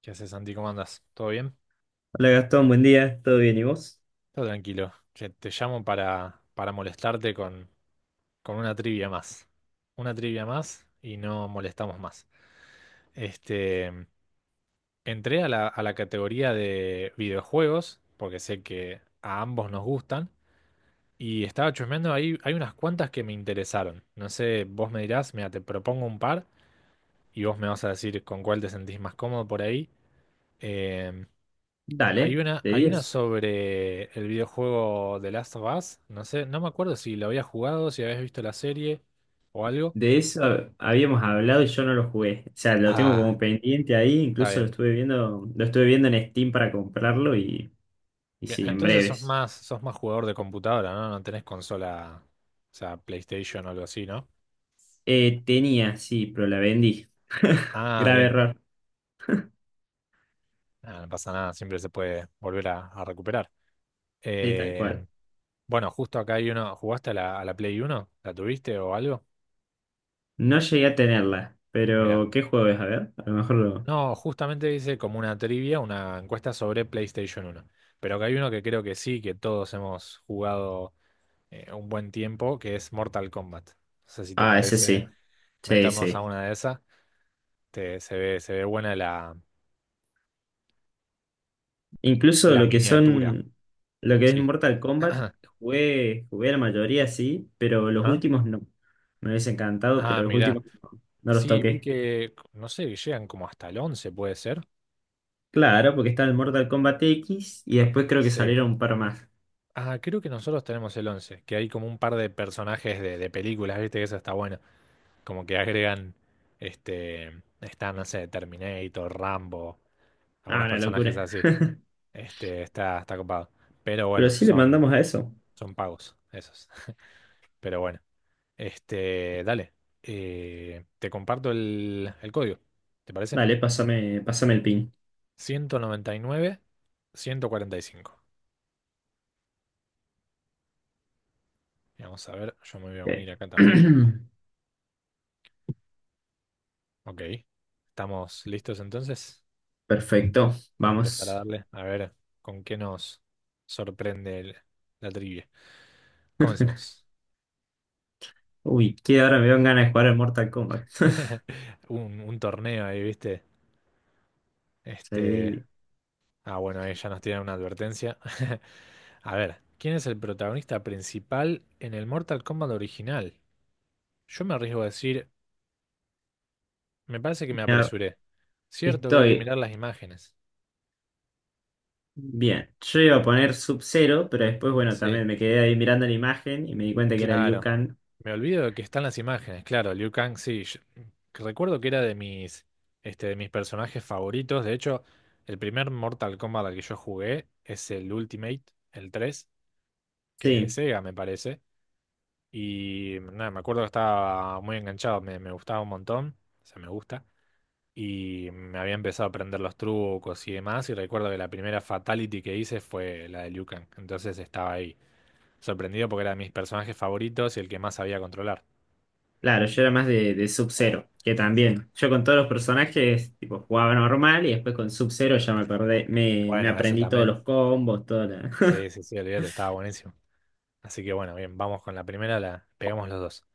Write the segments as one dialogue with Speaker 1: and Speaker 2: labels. Speaker 1: ¿Qué haces, Santi? ¿Cómo andas? ¿Todo bien?
Speaker 2: Hola Gastón, buen día, ¿todo bien y vos?
Speaker 1: Todo tranquilo. Che, te llamo para molestarte con una trivia más. Una trivia más y no molestamos más. Este, entré a la categoría de videojuegos, porque sé que a ambos nos gustan, y estaba chusmeando ahí, hay unas cuantas que me interesaron. No sé, vos me dirás, mira, te propongo un par y vos me vas a decir con cuál te sentís más cómodo por ahí. Em, Hay
Speaker 2: Dale,
Speaker 1: una,
Speaker 2: de
Speaker 1: hay una
Speaker 2: 10.
Speaker 1: sobre el videojuego The Last of Us. No sé, no me acuerdo si lo habías jugado, si habías visto la serie o algo.
Speaker 2: De eso habíamos hablado y yo no lo jugué. O sea, lo tengo
Speaker 1: Ah,
Speaker 2: como pendiente ahí,
Speaker 1: está
Speaker 2: incluso
Speaker 1: bien.
Speaker 2: lo estuve viendo en Steam para comprarlo y
Speaker 1: Bien,
Speaker 2: sí, en
Speaker 1: entonces sos
Speaker 2: breves.
Speaker 1: más, sos más jugador de computadora, ¿no? No tenés consola, o sea, PlayStation o algo así, ¿no?
Speaker 2: Tenía, sí, pero la vendí.
Speaker 1: Ah,
Speaker 2: Grave
Speaker 1: bien.
Speaker 2: error.
Speaker 1: Ah, no pasa nada, siempre se puede volver a recuperar.
Speaker 2: Sí, tal
Speaker 1: Eh,
Speaker 2: cual.
Speaker 1: bueno, justo acá hay uno. ¿Jugaste a la Play Uno? ¿La tuviste o algo?
Speaker 2: No llegué a tenerla,
Speaker 1: Mirá.
Speaker 2: pero ¿qué juego es? A ver, a lo mejor lo.
Speaker 1: No, justamente hice como una trivia, una encuesta sobre PlayStation uno. Pero que hay uno que creo que sí, que todos hemos jugado, un buen tiempo, que es Mortal Kombat. No sé si te
Speaker 2: Ah, ese sí.
Speaker 1: parece
Speaker 2: Sí,
Speaker 1: meternos a
Speaker 2: sí.
Speaker 1: una de esas. Se ve buena la,
Speaker 2: Incluso
Speaker 1: la miniatura.
Speaker 2: lo que es
Speaker 1: Sí.
Speaker 2: Mortal Kombat, jugué la mayoría, sí, pero los
Speaker 1: Ajá.
Speaker 2: últimos no. Me hubiese encantado,
Speaker 1: Ah,
Speaker 2: pero los
Speaker 1: mirá.
Speaker 2: últimos no, no los
Speaker 1: Sí, vi
Speaker 2: toqué.
Speaker 1: que, no sé, que llegan como hasta el 11, puede ser.
Speaker 2: Claro, porque está el Mortal Kombat X y después creo que
Speaker 1: Sí.
Speaker 2: salieron un par más.
Speaker 1: Ah, creo que nosotros tenemos el 11, que hay como un par de personajes de películas, viste que eso está bueno. Como que agregan, está, no sé, Terminator, Rambo,
Speaker 2: Ah,
Speaker 1: algunos
Speaker 2: una
Speaker 1: personajes
Speaker 2: locura.
Speaker 1: así. Está copado. Pero
Speaker 2: Pero
Speaker 1: bueno,
Speaker 2: sí le
Speaker 1: son,
Speaker 2: mandamos a eso.
Speaker 1: son pagos, esos. Pero bueno, dale. Te comparto el código, ¿te parece?
Speaker 2: Dale, pásame el pin.
Speaker 1: 199, 145. Vamos a ver, yo me voy a
Speaker 2: Eh,
Speaker 1: unir acá también. Ok, ¿estamos listos entonces?
Speaker 2: Perfecto,
Speaker 1: Para empezar a
Speaker 2: vamos.
Speaker 1: darle, a ver con qué nos sorprende la trivia. Comencemos.
Speaker 2: Uy, que ahora me dan ganas de jugar al Mortal Kombat.
Speaker 1: Un torneo ahí, ¿viste? Este.
Speaker 2: Sí.
Speaker 1: Ah, bueno, ahí ya nos tiran una advertencia. A ver, ¿quién es el protagonista principal en el Mortal Kombat original? Yo me arriesgo a decir, me parece que me
Speaker 2: Mira,
Speaker 1: apresuré. Cierto que hay que
Speaker 2: Estoy
Speaker 1: mirar las imágenes.
Speaker 2: bien, yo iba a poner Sub-Zero, pero después, bueno,
Speaker 1: Sí,
Speaker 2: también me quedé ahí mirando la imagen y me di cuenta que era Liu
Speaker 1: claro.
Speaker 2: Kang.
Speaker 1: Me olvido de que están las imágenes, claro, Liu Kang, sí. Recuerdo que era de mis personajes favoritos. De hecho, el primer Mortal Kombat al que yo jugué es el Ultimate, el tres, que es de
Speaker 2: Sí,
Speaker 1: Sega, me parece. Y nada, me acuerdo que estaba muy enganchado, me gustaba un montón, o sea, me gusta. Y me había empezado a aprender los trucos y demás. Y recuerdo que la primera fatality que hice fue la de Liu Kang. Entonces estaba ahí, sorprendido porque era de mis personajes favoritos y el que más sabía controlar.
Speaker 2: claro, yo era más de Sub-Zero, que también. Yo con todos los personajes, tipo, jugaba normal y después con Sub-Zero ya me perdí, me
Speaker 1: Bueno, ese
Speaker 2: aprendí todos
Speaker 1: también.
Speaker 2: los combos, toda la.
Speaker 1: Sí, sí, sí, olvídate, estaba buenísimo. Así que bueno, bien, vamos con la primera, la pegamos los dos.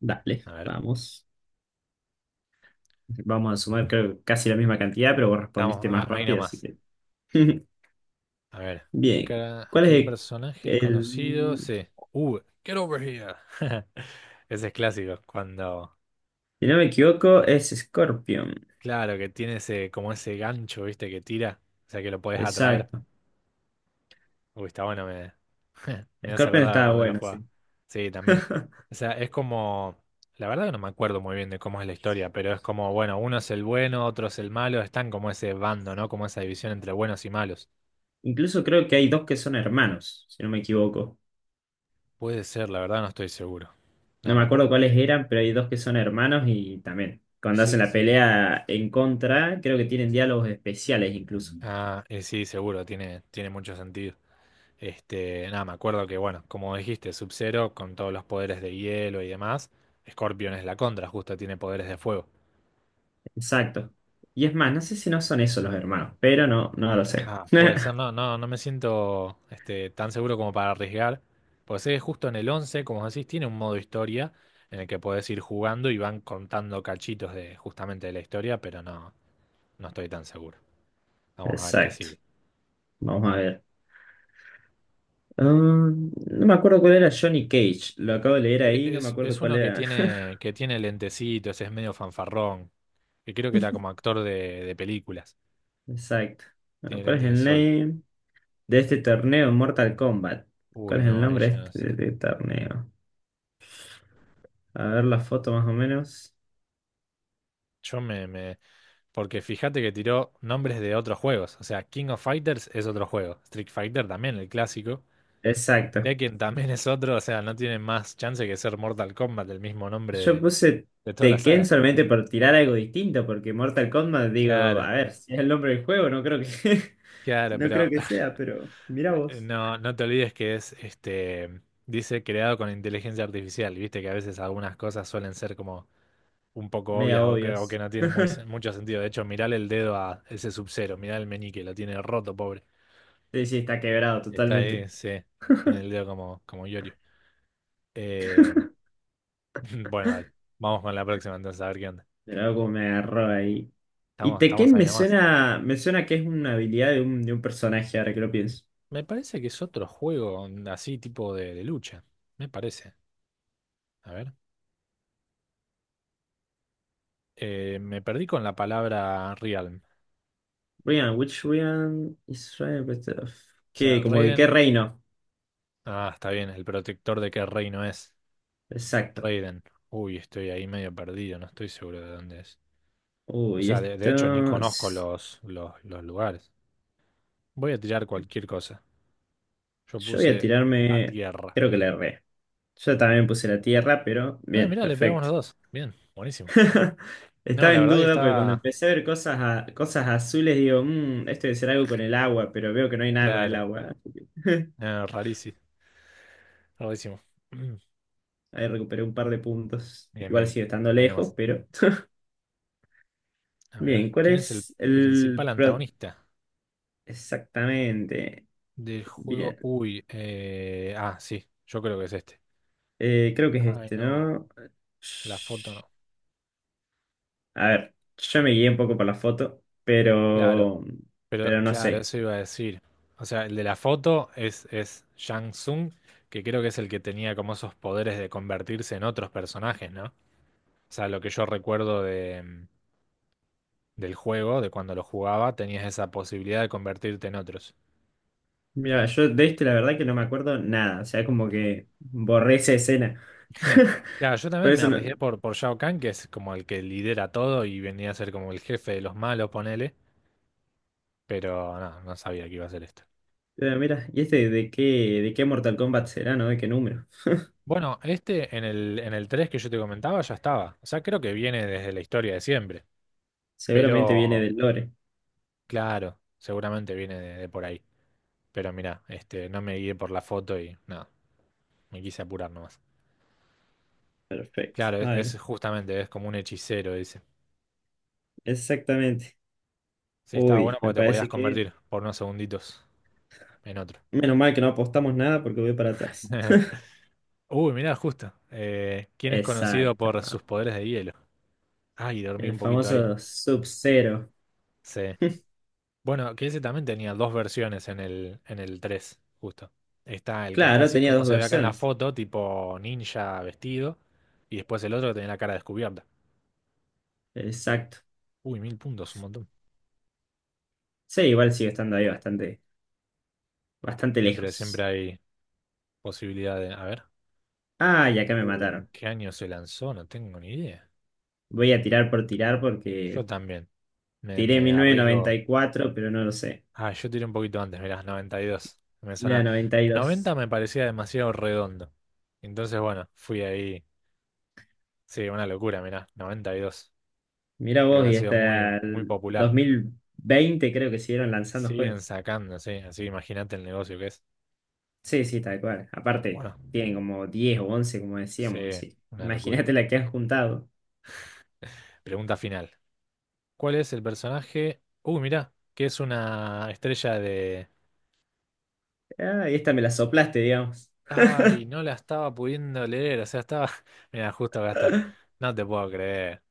Speaker 2: Dale,
Speaker 1: A ver,
Speaker 2: vamos. Vamos a sumar, creo, casi la misma cantidad, pero vos respondiste más
Speaker 1: ahí
Speaker 2: rápido, así
Speaker 1: nomás.
Speaker 2: que.
Speaker 1: A ver, ¿qué
Speaker 2: Bien.
Speaker 1: cara,
Speaker 2: ¿Cuál es
Speaker 1: qué personaje es
Speaker 2: el-
Speaker 1: conocido? Sí. Get over here. Ese es clásico, cuando,
Speaker 2: Si no me equivoco, es Scorpion.
Speaker 1: claro, que tiene ese, como ese gancho, ¿viste? Que tira, o sea que lo podés atraer.
Speaker 2: Exacto.
Speaker 1: Uy, está bueno, me hace
Speaker 2: Scorpion
Speaker 1: acordar a
Speaker 2: estaba
Speaker 1: cuando lo
Speaker 2: bueno, sí.
Speaker 1: jugaba. Sí, también. O sea, es como, la verdad que no me acuerdo muy bien de cómo es la historia, pero es como, bueno, uno es el bueno, otro es el malo, están como ese bando, ¿no? Como esa división entre buenos y malos.
Speaker 2: Incluso creo que hay dos que son hermanos, si no me equivoco.
Speaker 1: Puede ser, la verdad no estoy seguro.
Speaker 2: No
Speaker 1: Nada,
Speaker 2: me
Speaker 1: me
Speaker 2: acuerdo
Speaker 1: acuerdo
Speaker 2: cuáles
Speaker 1: que...
Speaker 2: eran, pero hay dos que son hermanos y también, cuando hacen
Speaker 1: Sí,
Speaker 2: la
Speaker 1: sí.
Speaker 2: pelea en contra, creo que tienen diálogos especiales incluso.
Speaker 1: Ah, sí, seguro, tiene mucho sentido. Nada, me acuerdo que, bueno, como dijiste, Sub-Zero con todos los poderes de hielo y demás, Scorpion es la contra, justo tiene poderes de fuego.
Speaker 2: Exacto. Y es más, no sé si no son esos los hermanos, pero no, no lo sé.
Speaker 1: Ah, puede ser, no, no, no me siento tan seguro como para arriesgar, pues es justo en el 11, como decís, tiene un modo historia en el que podés ir jugando y van contando cachitos de justamente de la historia, pero no, no estoy tan seguro. Vamos a ver qué
Speaker 2: Exacto.
Speaker 1: sigue.
Speaker 2: Vamos a ver. No me acuerdo cuál era Johnny Cage. Lo acabo de leer
Speaker 1: E-
Speaker 2: ahí, no me
Speaker 1: Es,
Speaker 2: acuerdo
Speaker 1: es
Speaker 2: cuál
Speaker 1: uno
Speaker 2: era.
Speaker 1: que tiene lentecitos, es medio fanfarrón, que creo que era como actor de películas,
Speaker 2: Exacto. Bueno,
Speaker 1: tiene
Speaker 2: ¿cuál es
Speaker 1: lentes de
Speaker 2: el
Speaker 1: sol.
Speaker 2: name de este torneo en Mortal Kombat?
Speaker 1: Uy,
Speaker 2: ¿Cuál es el
Speaker 1: no, ahí
Speaker 2: nombre de
Speaker 1: ya no
Speaker 2: este
Speaker 1: sé.
Speaker 2: de este torneo? A ver la foto más o menos.
Speaker 1: Yo me... Porque fíjate que tiró nombres de otros juegos, o sea, King of Fighters es otro juego, Street Fighter también, el clásico,
Speaker 2: Exacto.
Speaker 1: Tekken también es otro, o sea, no tiene más chance que ser Mortal Kombat, el mismo nombre
Speaker 2: Yo puse
Speaker 1: de toda la
Speaker 2: Tekken
Speaker 1: saga.
Speaker 2: solamente por tirar algo distinto, porque Mortal Kombat, digo,
Speaker 1: Claro,
Speaker 2: a ver, si es el nombre del juego, no creo que,
Speaker 1: claro,
Speaker 2: no creo
Speaker 1: pero,
Speaker 2: que sea, pero mira vos.
Speaker 1: No, no te olvides que es, dice creado con inteligencia artificial, viste que a veces algunas cosas suelen ser como un poco
Speaker 2: Media
Speaker 1: obvias o que
Speaker 2: obvios.
Speaker 1: no tienen muy, mucho sentido. De hecho, mirale el dedo a ese Sub-Zero, mirá el meñique, lo tiene roto, pobre.
Speaker 2: Sí, sí, está quebrado
Speaker 1: Está ahí,
Speaker 2: totalmente.
Speaker 1: sí, tiene el dedo como, como Yorio. Eh, bueno, dale, vamos con la próxima entonces a ver qué onda.
Speaker 2: Pero algo como me agarró ahí. Y
Speaker 1: Estamos
Speaker 2: Tekken
Speaker 1: ahí
Speaker 2: me
Speaker 1: nomás.
Speaker 2: suena, me suena que es una habilidad de un personaje, ahora que lo pienso.
Speaker 1: Me parece que es otro juego así tipo de lucha, me parece. A ver, me perdí con la palabra Realm. O
Speaker 2: Ryan, which Ryan is Ryan?
Speaker 1: sea,
Speaker 2: ¿Qué? Como que qué
Speaker 1: Raiden.
Speaker 2: reino.
Speaker 1: Ah, está bien. ¿El protector de qué reino es?
Speaker 2: Exacto.
Speaker 1: Raiden. Uy, estoy ahí medio perdido, no estoy seguro de dónde es. O
Speaker 2: Uy,
Speaker 1: sea, de hecho ni
Speaker 2: esto.
Speaker 1: conozco los lugares. Voy a tirar cualquier cosa. Yo
Speaker 2: Yo voy a
Speaker 1: puse la
Speaker 2: tirarme,
Speaker 1: tierra.
Speaker 2: creo que la erré. Yo también puse la tierra, pero
Speaker 1: Ah,
Speaker 2: bien,
Speaker 1: mirá, le pegamos
Speaker 2: perfecto.
Speaker 1: los dos. Bien, buenísimo. No,
Speaker 2: Estaba
Speaker 1: la
Speaker 2: en
Speaker 1: verdad que
Speaker 2: duda porque cuando
Speaker 1: estaba
Speaker 2: empecé a ver cosas, cosas azules, digo: "Mm, esto debe ser algo con el agua, pero veo que no hay nada con el
Speaker 1: claro.
Speaker 2: agua". Así que.
Speaker 1: No, rarísimo. Rarísimo.
Speaker 2: Ahí recuperé un par de puntos.
Speaker 1: Bien,
Speaker 2: Igual
Speaker 1: bien.
Speaker 2: sigue estando
Speaker 1: Ahí
Speaker 2: lejos,
Speaker 1: nomás.
Speaker 2: pero.
Speaker 1: A ver,
Speaker 2: Bien. ¿Cuál
Speaker 1: ¿quién es el
Speaker 2: es el...
Speaker 1: principal
Speaker 2: pro-
Speaker 1: antagonista
Speaker 2: Exactamente.
Speaker 1: del juego?
Speaker 2: Bien.
Speaker 1: Uy, ah, sí, yo creo que es este.
Speaker 2: Creo que es
Speaker 1: Ay,
Speaker 2: este,
Speaker 1: no.
Speaker 2: ¿no?
Speaker 1: La foto no.
Speaker 2: A ver, yo me guié un poco por la foto,
Speaker 1: Claro,
Speaker 2: pero,
Speaker 1: pero
Speaker 2: pero no
Speaker 1: claro,
Speaker 2: sé.
Speaker 1: eso iba a decir. O sea, el de la foto es Shang Tsung, que creo que es el que tenía como esos poderes de convertirse en otros personajes, ¿no? O sea, lo que yo recuerdo de, del juego, de cuando lo jugaba, tenías esa posibilidad de convertirte en otros.
Speaker 2: Mira, yo de este la verdad que no me acuerdo nada. O sea, como que borré esa escena.
Speaker 1: Claro, yo
Speaker 2: Por
Speaker 1: también me
Speaker 2: eso no.
Speaker 1: arriesgué por Shao Kahn, que es como el que lidera todo y venía a ser como el jefe de los malos, ponele, pero no, no sabía que iba a ser esto.
Speaker 2: Pero mira, ¿y este de qué Mortal Kombat será, no? ¿De qué número?
Speaker 1: Bueno, este en el 3 que yo te comentaba ya estaba. O sea, creo que viene desde la historia de siempre.
Speaker 2: Seguramente viene
Speaker 1: Pero,
Speaker 2: del lore.
Speaker 1: claro, seguramente viene de por ahí. Pero mira, no me guié por la foto y nada, me quise apurar nomás.
Speaker 2: Perfecto.
Speaker 1: Claro, es,
Speaker 2: A ver,
Speaker 1: es justamente, es como un hechicero, dice.
Speaker 2: exactamente.
Speaker 1: Sí, estaba bueno
Speaker 2: Uy, me
Speaker 1: porque te podías
Speaker 2: parece que.
Speaker 1: convertir por unos segunditos en otro.
Speaker 2: Menos mal que no apostamos nada porque voy para atrás.
Speaker 1: Uy, mirá, justo. ¿Quién es conocido
Speaker 2: Exacto.
Speaker 1: por sus poderes de hielo? Ay, dormí
Speaker 2: El
Speaker 1: un poquito ahí.
Speaker 2: famoso Sub-Zero.
Speaker 1: Sí. Bueno, que ese también tenía dos versiones en el 3, justo. Está el que está
Speaker 2: Claro,
Speaker 1: así
Speaker 2: tenía
Speaker 1: como
Speaker 2: dos
Speaker 1: se ve acá en la
Speaker 2: versiones.
Speaker 1: foto, tipo ninja vestido, y después el otro que tenía la cara descubierta.
Speaker 2: Exacto.
Speaker 1: Uy, 1.000 puntos, un montón.
Speaker 2: Sí, igual sigue estando ahí bastante
Speaker 1: Siempre
Speaker 2: lejos.
Speaker 1: hay posibilidad de... A ver.
Speaker 2: Ah, y acá me
Speaker 1: Uy, ¿en
Speaker 2: mataron.
Speaker 1: qué año se lanzó? No tengo ni idea.
Speaker 2: Voy a tirar por tirar
Speaker 1: Yo
Speaker 2: porque
Speaker 1: también. Me,
Speaker 2: tiré
Speaker 1: me
Speaker 2: mi
Speaker 1: arriesgo...
Speaker 2: cuatro, pero no lo sé.
Speaker 1: Ah, yo tiré un poquito antes, mirá, 92. Me
Speaker 2: Mira,
Speaker 1: suena...
Speaker 2: noventa y
Speaker 1: 90
Speaker 2: dos
Speaker 1: me parecía demasiado redondo. Entonces, bueno, fui ahí. Sí, una locura, mirá, 92.
Speaker 2: Mira
Speaker 1: Creo
Speaker 2: vos,
Speaker 1: que ha
Speaker 2: y
Speaker 1: sido muy,
Speaker 2: hasta
Speaker 1: muy
Speaker 2: el dos
Speaker 1: popular.
Speaker 2: mil veinte creo que siguieron lanzando
Speaker 1: Siguen
Speaker 2: juegos.
Speaker 1: sacando, sí. Así que imagínate el negocio que es.
Speaker 2: Sí, sí, tal cual. Aparte,
Speaker 1: Bueno,
Speaker 2: tienen como 10 u 11, como
Speaker 1: sí,
Speaker 2: decíamos, así.
Speaker 1: una locura.
Speaker 2: Imagínate la que han juntado.
Speaker 1: Pregunta final. ¿Cuál es el personaje? Uy, mirá, que es una estrella de...
Speaker 2: Ah, y esta me la soplaste, digamos.
Speaker 1: Ay, no la estaba pudiendo leer. O sea, estaba... Mira, justo acá está. No te puedo creer.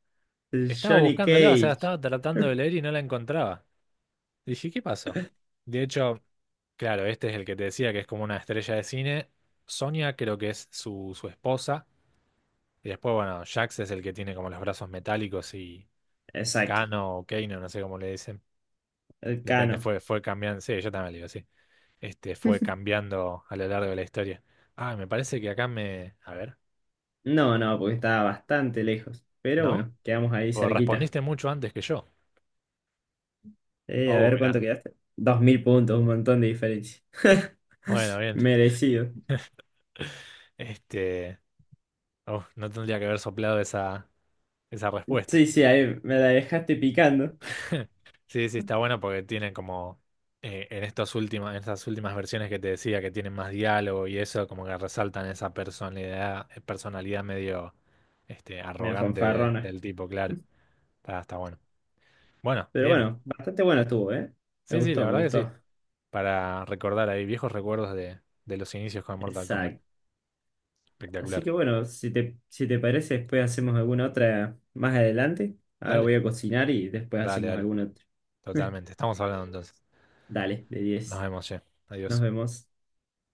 Speaker 2: El
Speaker 1: Estaba
Speaker 2: Johnny
Speaker 1: buscándola, o sea,
Speaker 2: Cage.
Speaker 1: estaba tratando de leer y no la encontraba. Dije, ¿qué pasó? De hecho, claro, este es el que te decía que es como una estrella de cine. Sonia creo que es su esposa. Y después, bueno, Jax es el que tiene como los brazos metálicos y
Speaker 2: Exacto,
Speaker 1: Kano o Kano, no sé cómo le dicen.
Speaker 2: el
Speaker 1: Depende,
Speaker 2: Cano.
Speaker 1: fue cambiando. Sí, yo también le digo, sí. Este fue cambiando a lo largo de la historia. Ah, me parece que acá me. A ver,
Speaker 2: No, no, porque estaba bastante lejos. Pero
Speaker 1: ¿no?
Speaker 2: bueno, quedamos ahí
Speaker 1: Vos
Speaker 2: cerquita.
Speaker 1: respondiste mucho antes que yo.
Speaker 2: A
Speaker 1: Oh,
Speaker 2: ver
Speaker 1: mirá.
Speaker 2: cuánto quedaste. 2000 puntos, un montón de diferencia.
Speaker 1: Bueno, bien.
Speaker 2: Merecido.
Speaker 1: Este. Oh, no tendría que haber soplado esa, esa respuesta.
Speaker 2: Sí, sí, ahí me la dejaste picando.
Speaker 1: Sí, sí, está bueno porque tiene como, en estos últimos, en estas últimas versiones que te decía que tienen más diálogo y eso, como que resaltan esa personalidad, personalidad medio
Speaker 2: Me
Speaker 1: arrogante
Speaker 2: fanfarrona.
Speaker 1: del tipo, claro. Está bueno. Bueno,
Speaker 2: Pero
Speaker 1: bien.
Speaker 2: bueno, bastante bueno estuvo, ¿eh? Me
Speaker 1: Sí, sí, la
Speaker 2: gustó, me
Speaker 1: verdad que sí.
Speaker 2: gustó.
Speaker 1: Para recordar ahí viejos recuerdos de los inicios con Mortal Kombat.
Speaker 2: Exacto. Así
Speaker 1: Espectacular.
Speaker 2: que bueno, si te parece, después hacemos alguna otra más adelante. Ahora
Speaker 1: Dale,
Speaker 2: voy a cocinar y después
Speaker 1: dale,
Speaker 2: hacemos
Speaker 1: dale.
Speaker 2: alguna otra.
Speaker 1: Totalmente. Estamos hablando entonces.
Speaker 2: Dale, de
Speaker 1: Nos
Speaker 2: 10.
Speaker 1: vemos, che.
Speaker 2: Nos
Speaker 1: Adiós.
Speaker 2: vemos.